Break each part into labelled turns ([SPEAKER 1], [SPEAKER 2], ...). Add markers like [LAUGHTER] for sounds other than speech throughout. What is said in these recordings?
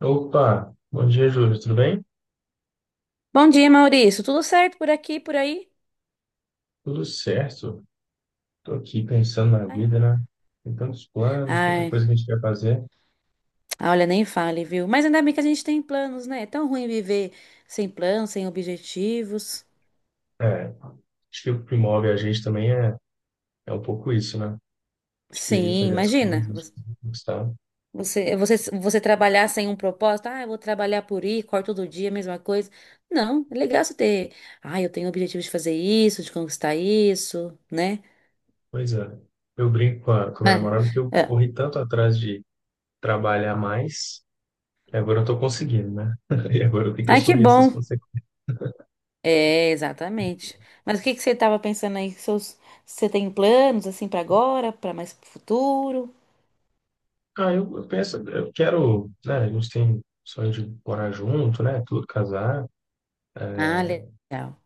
[SPEAKER 1] Opa, bom dia, Júlio. Tudo bem?
[SPEAKER 2] Bom dia, Maurício. Tudo certo por aqui, por aí?
[SPEAKER 1] Tudo certo. Tô aqui pensando na
[SPEAKER 2] Ai,
[SPEAKER 1] vida, né? Tem tantos planos, tanta
[SPEAKER 2] Ai,
[SPEAKER 1] coisa que a gente quer fazer.
[SPEAKER 2] olha, nem fale, viu? Mas ainda bem que a gente tem planos, né? É tão ruim viver sem planos, sem objetivos.
[SPEAKER 1] É, acho que o que move a gente também é um pouco isso, né? De querer
[SPEAKER 2] Sim,
[SPEAKER 1] fazer as
[SPEAKER 2] imagina.
[SPEAKER 1] coisas, de querer conquistar.
[SPEAKER 2] Você trabalhar sem um propósito. Ah, eu vou trabalhar por ir, corto todo dia, mesma coisa. Não, é legal você ter. Ah, eu tenho o objetivo de fazer isso, de conquistar isso, né?
[SPEAKER 1] Pois é. Eu brinco com a minha
[SPEAKER 2] Ah,
[SPEAKER 1] namorada que eu
[SPEAKER 2] é.
[SPEAKER 1] corri tanto atrás de trabalhar mais, que agora eu tô conseguindo, né? [LAUGHS] E agora eu tenho que
[SPEAKER 2] Ai, que
[SPEAKER 1] assumir essas
[SPEAKER 2] bom.
[SPEAKER 1] consequências.
[SPEAKER 2] É, exatamente. Mas o que que você estava pensando aí? Você tem planos assim para agora, para mais pro futuro?
[SPEAKER 1] Ah, eu penso, eu quero, né? A gente tem sonho de morar junto, né? Tudo casar.
[SPEAKER 2] Ah, legal.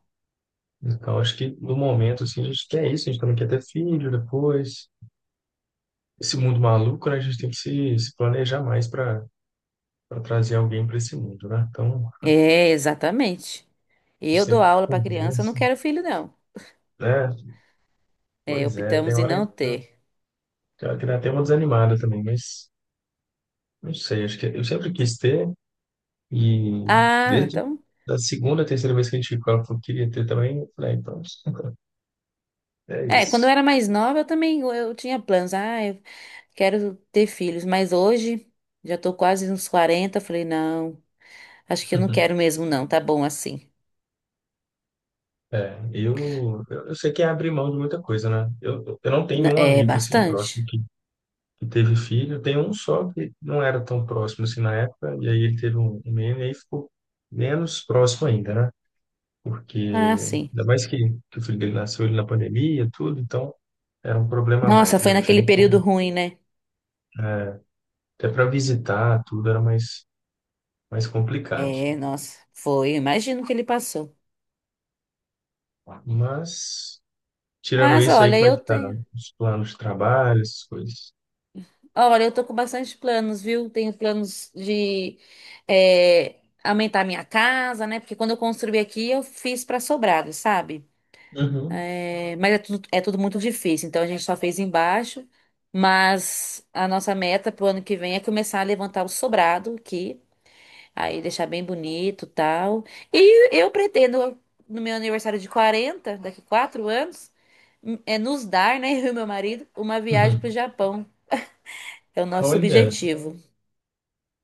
[SPEAKER 1] Então, acho que no momento, assim, a gente quer isso, a gente também quer ter filho depois. Esse mundo maluco, né? A gente tem que se planejar mais para trazer alguém para esse mundo, né? Então,
[SPEAKER 2] É, exatamente.
[SPEAKER 1] a gente
[SPEAKER 2] Eu dou
[SPEAKER 1] sempre
[SPEAKER 2] aula para criança, eu não
[SPEAKER 1] conversa,
[SPEAKER 2] quero filho, não.
[SPEAKER 1] né?
[SPEAKER 2] É,
[SPEAKER 1] Pois é, tem
[SPEAKER 2] optamos em
[SPEAKER 1] hora
[SPEAKER 2] não
[SPEAKER 1] que
[SPEAKER 2] ter.
[SPEAKER 1] tem hora que dá até uma desanimada também, mas não sei, acho que eu sempre quis ter e
[SPEAKER 2] Ah,
[SPEAKER 1] desde
[SPEAKER 2] então.
[SPEAKER 1] da segunda, terceira vez que a gente falou que eu queria ter também, eu falei, "Ah, então, é
[SPEAKER 2] É, quando eu
[SPEAKER 1] isso.
[SPEAKER 2] era mais nova, eu também eu tinha planos. Ah, eu quero ter filhos. Mas hoje, já tô quase nos 40. Falei, não, acho que eu não quero
[SPEAKER 1] [LAUGHS]
[SPEAKER 2] mesmo, não. Tá bom assim.
[SPEAKER 1] É, eu sei que é abrir mão de muita coisa, né? Eu não tenho um
[SPEAKER 2] É
[SPEAKER 1] amigo assim próximo
[SPEAKER 2] bastante.
[SPEAKER 1] que teve filho. Tem um só que não era tão próximo assim na época, e aí ele teve um menino e aí ficou menos próximo ainda, né? Porque
[SPEAKER 2] Ah, sim.
[SPEAKER 1] ainda mais que o filho dele nasceu ele na pandemia, tudo, então era um problema a
[SPEAKER 2] Nossa,
[SPEAKER 1] mais, né?
[SPEAKER 2] foi
[SPEAKER 1] Não tinha
[SPEAKER 2] naquele
[SPEAKER 1] nem
[SPEAKER 2] período
[SPEAKER 1] como.
[SPEAKER 2] ruim, né?
[SPEAKER 1] Até para visitar, tudo era mais complicado.
[SPEAKER 2] É, nossa, foi. Imagino o que ele passou.
[SPEAKER 1] Mas, tirando
[SPEAKER 2] Mas
[SPEAKER 1] isso aí,
[SPEAKER 2] olha,
[SPEAKER 1] como é
[SPEAKER 2] eu
[SPEAKER 1] que tá
[SPEAKER 2] tenho.
[SPEAKER 1] os planos de trabalho, essas coisas?
[SPEAKER 2] Olha, eu tô com bastante planos, viu? Tenho planos de aumentar minha casa, né? Porque quando eu construí aqui, eu fiz para sobrado, sabe?
[SPEAKER 1] Uhum.
[SPEAKER 2] É, mas é tudo muito difícil, então a gente só fez embaixo. Mas a nossa meta pro ano que vem é começar a levantar o sobrado aqui. Aí deixar bem bonito, tal. E eu pretendo, no meu aniversário de 40 daqui 4 anos, nos dar, né, [LAUGHS] eu e meu marido, uma viagem
[SPEAKER 1] Uhum.
[SPEAKER 2] para o Japão. É o nosso
[SPEAKER 1] Olha, que
[SPEAKER 2] objetivo.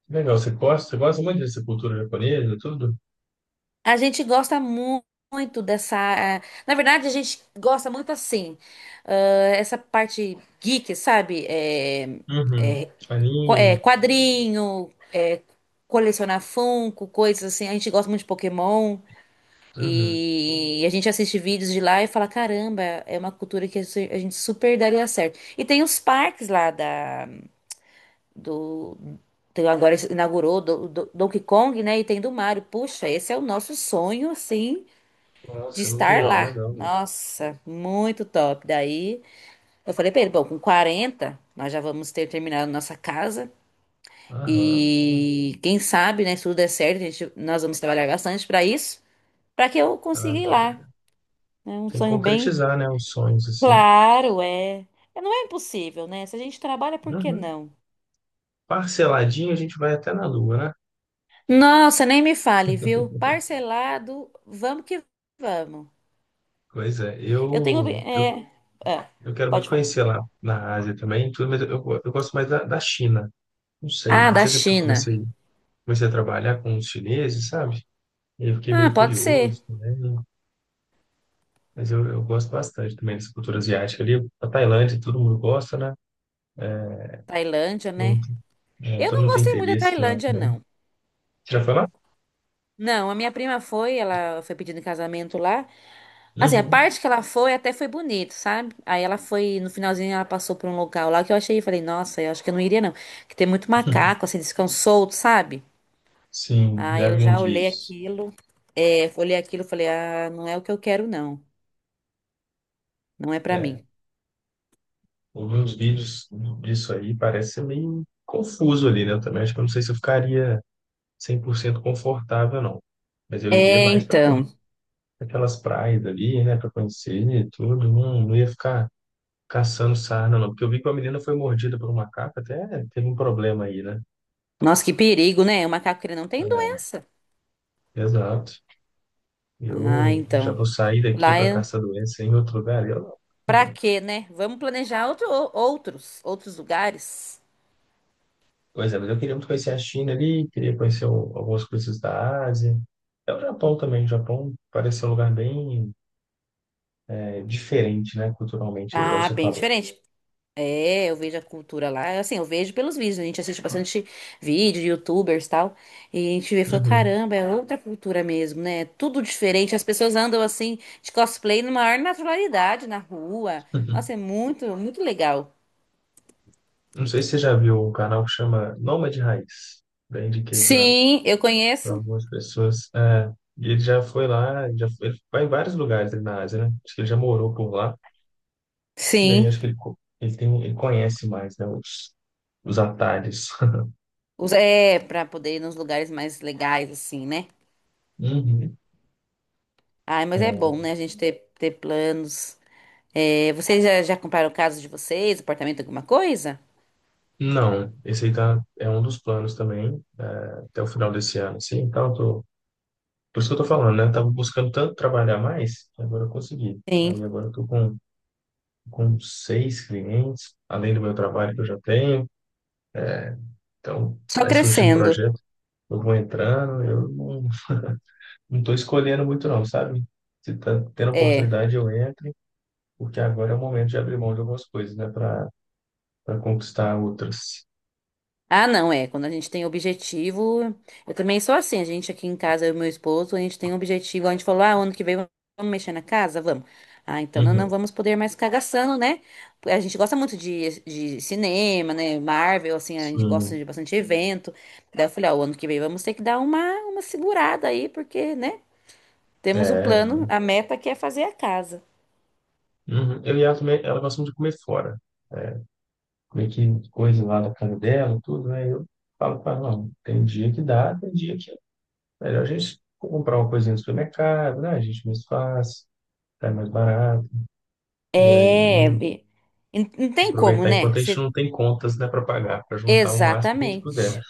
[SPEAKER 1] legal. Você gosta muito dessa cultura japonesa, tudo?
[SPEAKER 2] A gente gosta muito dessa. Na verdade, a gente gosta muito assim, essa parte geek, sabe?
[SPEAKER 1] Uhum. Anime.
[SPEAKER 2] Quadrinho, colecionar Funko, coisas assim. A gente gosta muito de Pokémon.
[SPEAKER 1] Uhum.
[SPEAKER 2] E a gente assiste vídeos de lá e fala, caramba, é uma cultura que a gente super daria certo. E tem os parques lá da do agora inaugurou do Donkey Kong, né? E tem do Mario. Puxa, esse é o nosso sonho, assim, de
[SPEAKER 1] Nossa, eu não vi
[SPEAKER 2] estar
[SPEAKER 1] não,
[SPEAKER 2] lá.
[SPEAKER 1] legal. Mano.
[SPEAKER 2] Nossa, muito top. Daí eu falei pra ele, bom, com 40 nós já vamos ter terminado nossa casa
[SPEAKER 1] Aham.
[SPEAKER 2] e quem sabe, né, se tudo der certo, nós vamos trabalhar bastante pra isso, pra que eu consiga
[SPEAKER 1] Ah,
[SPEAKER 2] ir lá. É um
[SPEAKER 1] tem que
[SPEAKER 2] sonho bem.
[SPEAKER 1] concretizar, né, os sonhos assim.
[SPEAKER 2] Claro, é. É, não é impossível, né? Se a gente trabalha, por que
[SPEAKER 1] Uhum.
[SPEAKER 2] não?
[SPEAKER 1] Parceladinho a gente vai até na Lua, né?
[SPEAKER 2] Nossa, nem me fale, viu?
[SPEAKER 1] [LAUGHS]
[SPEAKER 2] Parcelado, vamos que vamos.
[SPEAKER 1] Pois é,
[SPEAKER 2] Eu tenho.
[SPEAKER 1] eu, eu,
[SPEAKER 2] É, é,
[SPEAKER 1] eu quero muito
[SPEAKER 2] pode falar.
[SPEAKER 1] conhecer lá na Ásia também, tudo, mas eu gosto mais da China. Não sei,
[SPEAKER 2] Ah,
[SPEAKER 1] não
[SPEAKER 2] da
[SPEAKER 1] sei se é porque eu
[SPEAKER 2] China.
[SPEAKER 1] comecei a trabalhar com os chineses, sabe? E eu fiquei
[SPEAKER 2] Ah,
[SPEAKER 1] meio
[SPEAKER 2] pode ser.
[SPEAKER 1] curioso também, né? Mas eu gosto bastante também dessa cultura asiática ali. A Tailândia, todo mundo gosta, né?
[SPEAKER 2] Tailândia,
[SPEAKER 1] Todo
[SPEAKER 2] né?
[SPEAKER 1] mundo, é,
[SPEAKER 2] Eu
[SPEAKER 1] todo
[SPEAKER 2] não
[SPEAKER 1] mundo tem
[SPEAKER 2] gostei muito da
[SPEAKER 1] interesse de lá
[SPEAKER 2] Tailândia,
[SPEAKER 1] também.
[SPEAKER 2] não.
[SPEAKER 1] Você já foi lá?
[SPEAKER 2] Não, a minha prima foi, ela foi pedindo em casamento lá. Assim, a
[SPEAKER 1] Uhum.
[SPEAKER 2] parte que ela foi até foi bonito, sabe? Aí ela foi, no finalzinho, ela passou por um local lá que eu achei, falei, nossa, eu acho que eu não iria, não. Que tem muito macaco, assim, eles ficam soltos, sabe?
[SPEAKER 1] Sim,
[SPEAKER 2] Ah,
[SPEAKER 1] já
[SPEAKER 2] eu
[SPEAKER 1] vi
[SPEAKER 2] já
[SPEAKER 1] uns
[SPEAKER 2] olhei
[SPEAKER 1] vídeos.
[SPEAKER 2] aquilo, e falei, não é o que eu quero, não. Não é pra
[SPEAKER 1] É,
[SPEAKER 2] mim.
[SPEAKER 1] ouvi uns vídeos disso aí, parece ser meio confuso ali, né? Eu também acho que eu não sei se eu ficaria 100% confortável, não. Mas eu iria
[SPEAKER 2] É,
[SPEAKER 1] mais para
[SPEAKER 2] então.
[SPEAKER 1] aquelas praias ali, né? Para conhecer e tudo. Não, não ia ficar caçando sarna, não. Porque eu vi que uma menina foi mordida por um macaco, até teve um problema aí, né?
[SPEAKER 2] Nossa, que perigo, né? O macaco ele não tem doença.
[SPEAKER 1] É, exato.
[SPEAKER 2] Ah,
[SPEAKER 1] Eu já
[SPEAKER 2] então.
[SPEAKER 1] vou sair daqui
[SPEAKER 2] Lá
[SPEAKER 1] para
[SPEAKER 2] é
[SPEAKER 1] caçar doença em outro lugar.
[SPEAKER 2] pra quê, né? Vamos planejar outros lugares.
[SPEAKER 1] Por exemplo, eu queria muito conhecer a China ali, queria conhecer algumas coisas da Ásia. É o Japão também. O Japão parece ser um lugar bem diferente, né, culturalmente, aí, igual
[SPEAKER 2] Ah,
[SPEAKER 1] você
[SPEAKER 2] bem
[SPEAKER 1] falou.
[SPEAKER 2] diferente. É, eu vejo a cultura lá. Assim, eu vejo pelos vídeos. A gente assiste bastante vídeo, de youtubers e tal. E a gente vê e
[SPEAKER 1] Uhum.
[SPEAKER 2] falou,
[SPEAKER 1] Uhum.
[SPEAKER 2] caramba, é outra cultura mesmo, né? Tudo diferente. As pessoas andam assim, de cosplay, na maior naturalidade na rua. Nossa, é
[SPEAKER 1] [LAUGHS]
[SPEAKER 2] muito, muito legal.
[SPEAKER 1] Não sei se você já viu um canal que chama Nômade Raiz. Já indiquei para
[SPEAKER 2] Sim, eu conheço.
[SPEAKER 1] algumas pessoas. É, e ele já foi lá, ele vai em vários lugares ali na Ásia, né? Acho que ele já morou por lá. E aí
[SPEAKER 2] Sim.
[SPEAKER 1] acho que ele tem, ele conhece mais, né, os atalhos.
[SPEAKER 2] É, pra poder ir nos lugares mais legais, assim, né?
[SPEAKER 1] [LAUGHS] Uhum.
[SPEAKER 2] Ai, mas é bom, né? A gente ter, planos. É, vocês já compraram o caso de vocês, apartamento, alguma coisa?
[SPEAKER 1] Não, esse aí tá, é um dos planos também, é, até o final desse ano, assim, então eu tô, por isso que eu tô falando, né, eu tava buscando tanto trabalhar mais, que agora eu consegui, aí
[SPEAKER 2] Sim.
[SPEAKER 1] agora eu tô com seis clientes, além do meu trabalho que eu já tenho, então
[SPEAKER 2] Só
[SPEAKER 1] vai surgindo
[SPEAKER 2] crescendo.
[SPEAKER 1] projeto, eu vou entrando, eu não, não tô escolhendo muito não, sabe? Se tá tendo
[SPEAKER 2] É.
[SPEAKER 1] oportunidade eu entro, porque agora é o momento de abrir mão de algumas coisas, né, para conquistar outras.
[SPEAKER 2] Ah, não, é. Quando a gente tem objetivo. Eu também sou assim. A gente aqui em casa, eu e meu esposo, a gente tem um objetivo. A gente falou, ah, ano que vem vamos mexer na casa? Vamos. Ah, então não, não
[SPEAKER 1] Uhum,
[SPEAKER 2] vamos poder mais ficar gastando, né? A gente gosta muito de cinema, né? Marvel, assim, a gente gosta
[SPEAKER 1] sim,
[SPEAKER 2] de bastante evento. Daí eu falei, ah, o ano que vem vamos ter que dar uma segurada aí, porque, né? Temos o
[SPEAKER 1] é,
[SPEAKER 2] plano, a meta que é fazer a casa.
[SPEAKER 1] Uhum. Eu e ela também, ela gosta muito de comer fora. Comer que coisa lá da casa dela, tudo, né? Eu falo para ela, não, tem dia que dá, tem dia que é melhor a gente comprar uma coisinha no supermercado, né? A gente mais fácil, sai mais barato. E aí,
[SPEAKER 2] É. E não tem como,
[SPEAKER 1] aproveitar
[SPEAKER 2] né?
[SPEAKER 1] enquanto a gente
[SPEAKER 2] Você-
[SPEAKER 1] não tem contas, né, para pagar, para juntar o máximo que a gente puder.
[SPEAKER 2] Exatamente.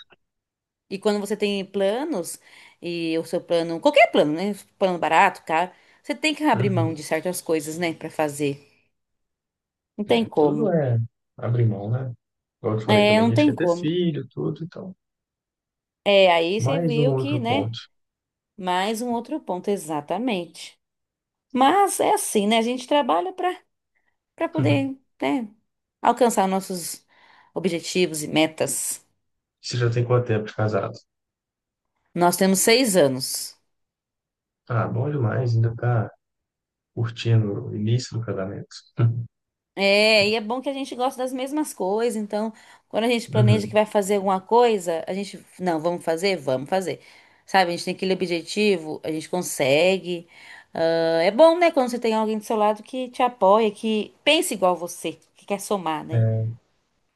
[SPEAKER 2] E quando você tem planos, e o seu plano, qualquer plano, né? Plano barato, caro, você tem que abrir mão
[SPEAKER 1] Uhum.
[SPEAKER 2] de certas coisas, né, pra fazer. Não tem
[SPEAKER 1] É, tudo
[SPEAKER 2] como.
[SPEAKER 1] é abrir mão, né? Igual eu te falei
[SPEAKER 2] É,
[SPEAKER 1] também que
[SPEAKER 2] não
[SPEAKER 1] a gente
[SPEAKER 2] tem
[SPEAKER 1] quer ter
[SPEAKER 2] como.
[SPEAKER 1] filho, tudo, então.
[SPEAKER 2] É, aí você
[SPEAKER 1] Mais um
[SPEAKER 2] viu que,
[SPEAKER 1] outro
[SPEAKER 2] né?
[SPEAKER 1] ponto.
[SPEAKER 2] Mais um outro ponto, exatamente. Mas é assim, né? A gente trabalha pra para poder,
[SPEAKER 1] [LAUGHS]
[SPEAKER 2] né, alcançar nossos objetivos e metas.
[SPEAKER 1] Você já tem quanto tempo de casado?
[SPEAKER 2] Nós temos 6 anos.
[SPEAKER 1] Ah, bom demais, ainda tá curtindo o início do casamento. [LAUGHS]
[SPEAKER 2] É, e é bom que a gente gosta das mesmas coisas, então quando a gente planeja que
[SPEAKER 1] Uhum.
[SPEAKER 2] vai fazer alguma coisa, a gente, não, vamos fazer? Vamos fazer. Sabe, a gente tem aquele objetivo, a gente consegue. Ah, é bom, né, quando você tem alguém do seu lado que te apoia, que pensa igual você, que quer somar,
[SPEAKER 1] É,
[SPEAKER 2] né?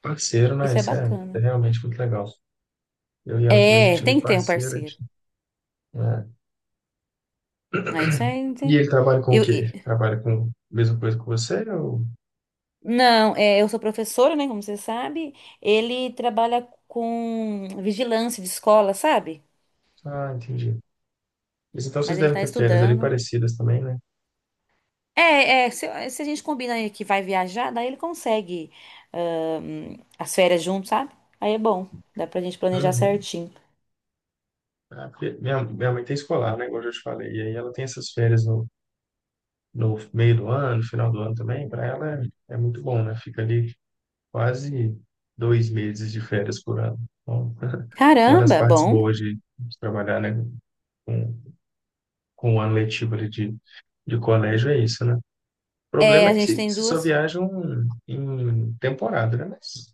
[SPEAKER 1] parceiro, né?
[SPEAKER 2] Isso é
[SPEAKER 1] Isso é
[SPEAKER 2] bacana.
[SPEAKER 1] realmente muito legal. Eu e ela também, a
[SPEAKER 2] É,
[SPEAKER 1] gente é muito
[SPEAKER 2] tem que ter um
[SPEAKER 1] parceira.
[SPEAKER 2] parceiro.
[SPEAKER 1] Né?
[SPEAKER 2] Ah, isso é.
[SPEAKER 1] E ele trabalha com o
[SPEAKER 2] Eu,
[SPEAKER 1] quê?
[SPEAKER 2] e-
[SPEAKER 1] Trabalha com a mesma coisa que você? Ou.
[SPEAKER 2] não, eu sou professora, né? Como você sabe, ele trabalha com vigilância de escola, sabe?
[SPEAKER 1] Ah, entendi. Mas então
[SPEAKER 2] Mas
[SPEAKER 1] vocês
[SPEAKER 2] ele
[SPEAKER 1] devem
[SPEAKER 2] tá
[SPEAKER 1] ter férias ali
[SPEAKER 2] estudando.
[SPEAKER 1] parecidas também, né?
[SPEAKER 2] É, é, se a gente combina aí que vai viajar, daí ele consegue as férias junto, sabe? Aí é bom, dá pra gente planejar
[SPEAKER 1] Uhum.
[SPEAKER 2] certinho.
[SPEAKER 1] Ah, porque minha mãe tem escolar, né? Igual eu já te falei. E aí ela tem essas férias no meio do ano, no final do ano também. Para ela é muito bom, né? Fica ali quase 2 meses de férias por ano. Então, uma das
[SPEAKER 2] Caramba,
[SPEAKER 1] partes
[SPEAKER 2] bom.
[SPEAKER 1] boas de trabalhar, né, com, com o ano letivo ali de colégio é isso, né? O
[SPEAKER 2] É,
[SPEAKER 1] problema é
[SPEAKER 2] a
[SPEAKER 1] que
[SPEAKER 2] gente
[SPEAKER 1] se,
[SPEAKER 2] tem
[SPEAKER 1] se só
[SPEAKER 2] duas.
[SPEAKER 1] viajam em temporada, né? Mas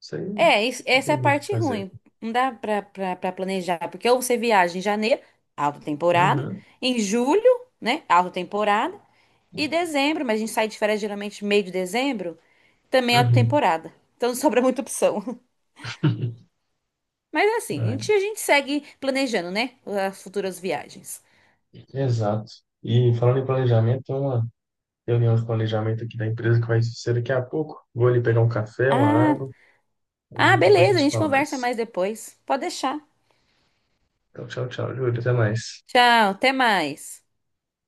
[SPEAKER 1] isso aí não
[SPEAKER 2] É, essa é
[SPEAKER 1] tem
[SPEAKER 2] a
[SPEAKER 1] muito o que
[SPEAKER 2] parte
[SPEAKER 1] fazer.
[SPEAKER 2] ruim. Não dá pra planejar, porque ou você viaja em janeiro, alta temporada,
[SPEAKER 1] Uhum,
[SPEAKER 2] em julho, né, alta temporada, e dezembro, mas a gente sai de férias geralmente meio de dezembro, também é alta
[SPEAKER 1] uhum.
[SPEAKER 2] temporada. Então [LAUGHS] não sobra muita opção.
[SPEAKER 1] [LAUGHS]
[SPEAKER 2] Mas assim, a gente segue planejando, né? As futuras viagens.
[SPEAKER 1] É, exato. E falando em planejamento, tem uma reunião de planejamento aqui da empresa que vai ser daqui a pouco. Vou ali pegar um café, uma
[SPEAKER 2] Ah,
[SPEAKER 1] água,
[SPEAKER 2] Ah,
[SPEAKER 1] e depois a
[SPEAKER 2] beleza, a
[SPEAKER 1] gente
[SPEAKER 2] gente
[SPEAKER 1] fala
[SPEAKER 2] conversa
[SPEAKER 1] mais.
[SPEAKER 2] mais depois. Pode deixar.
[SPEAKER 1] Então, tchau, tchau, Júlio. Até mais.
[SPEAKER 2] Tchau, até mais.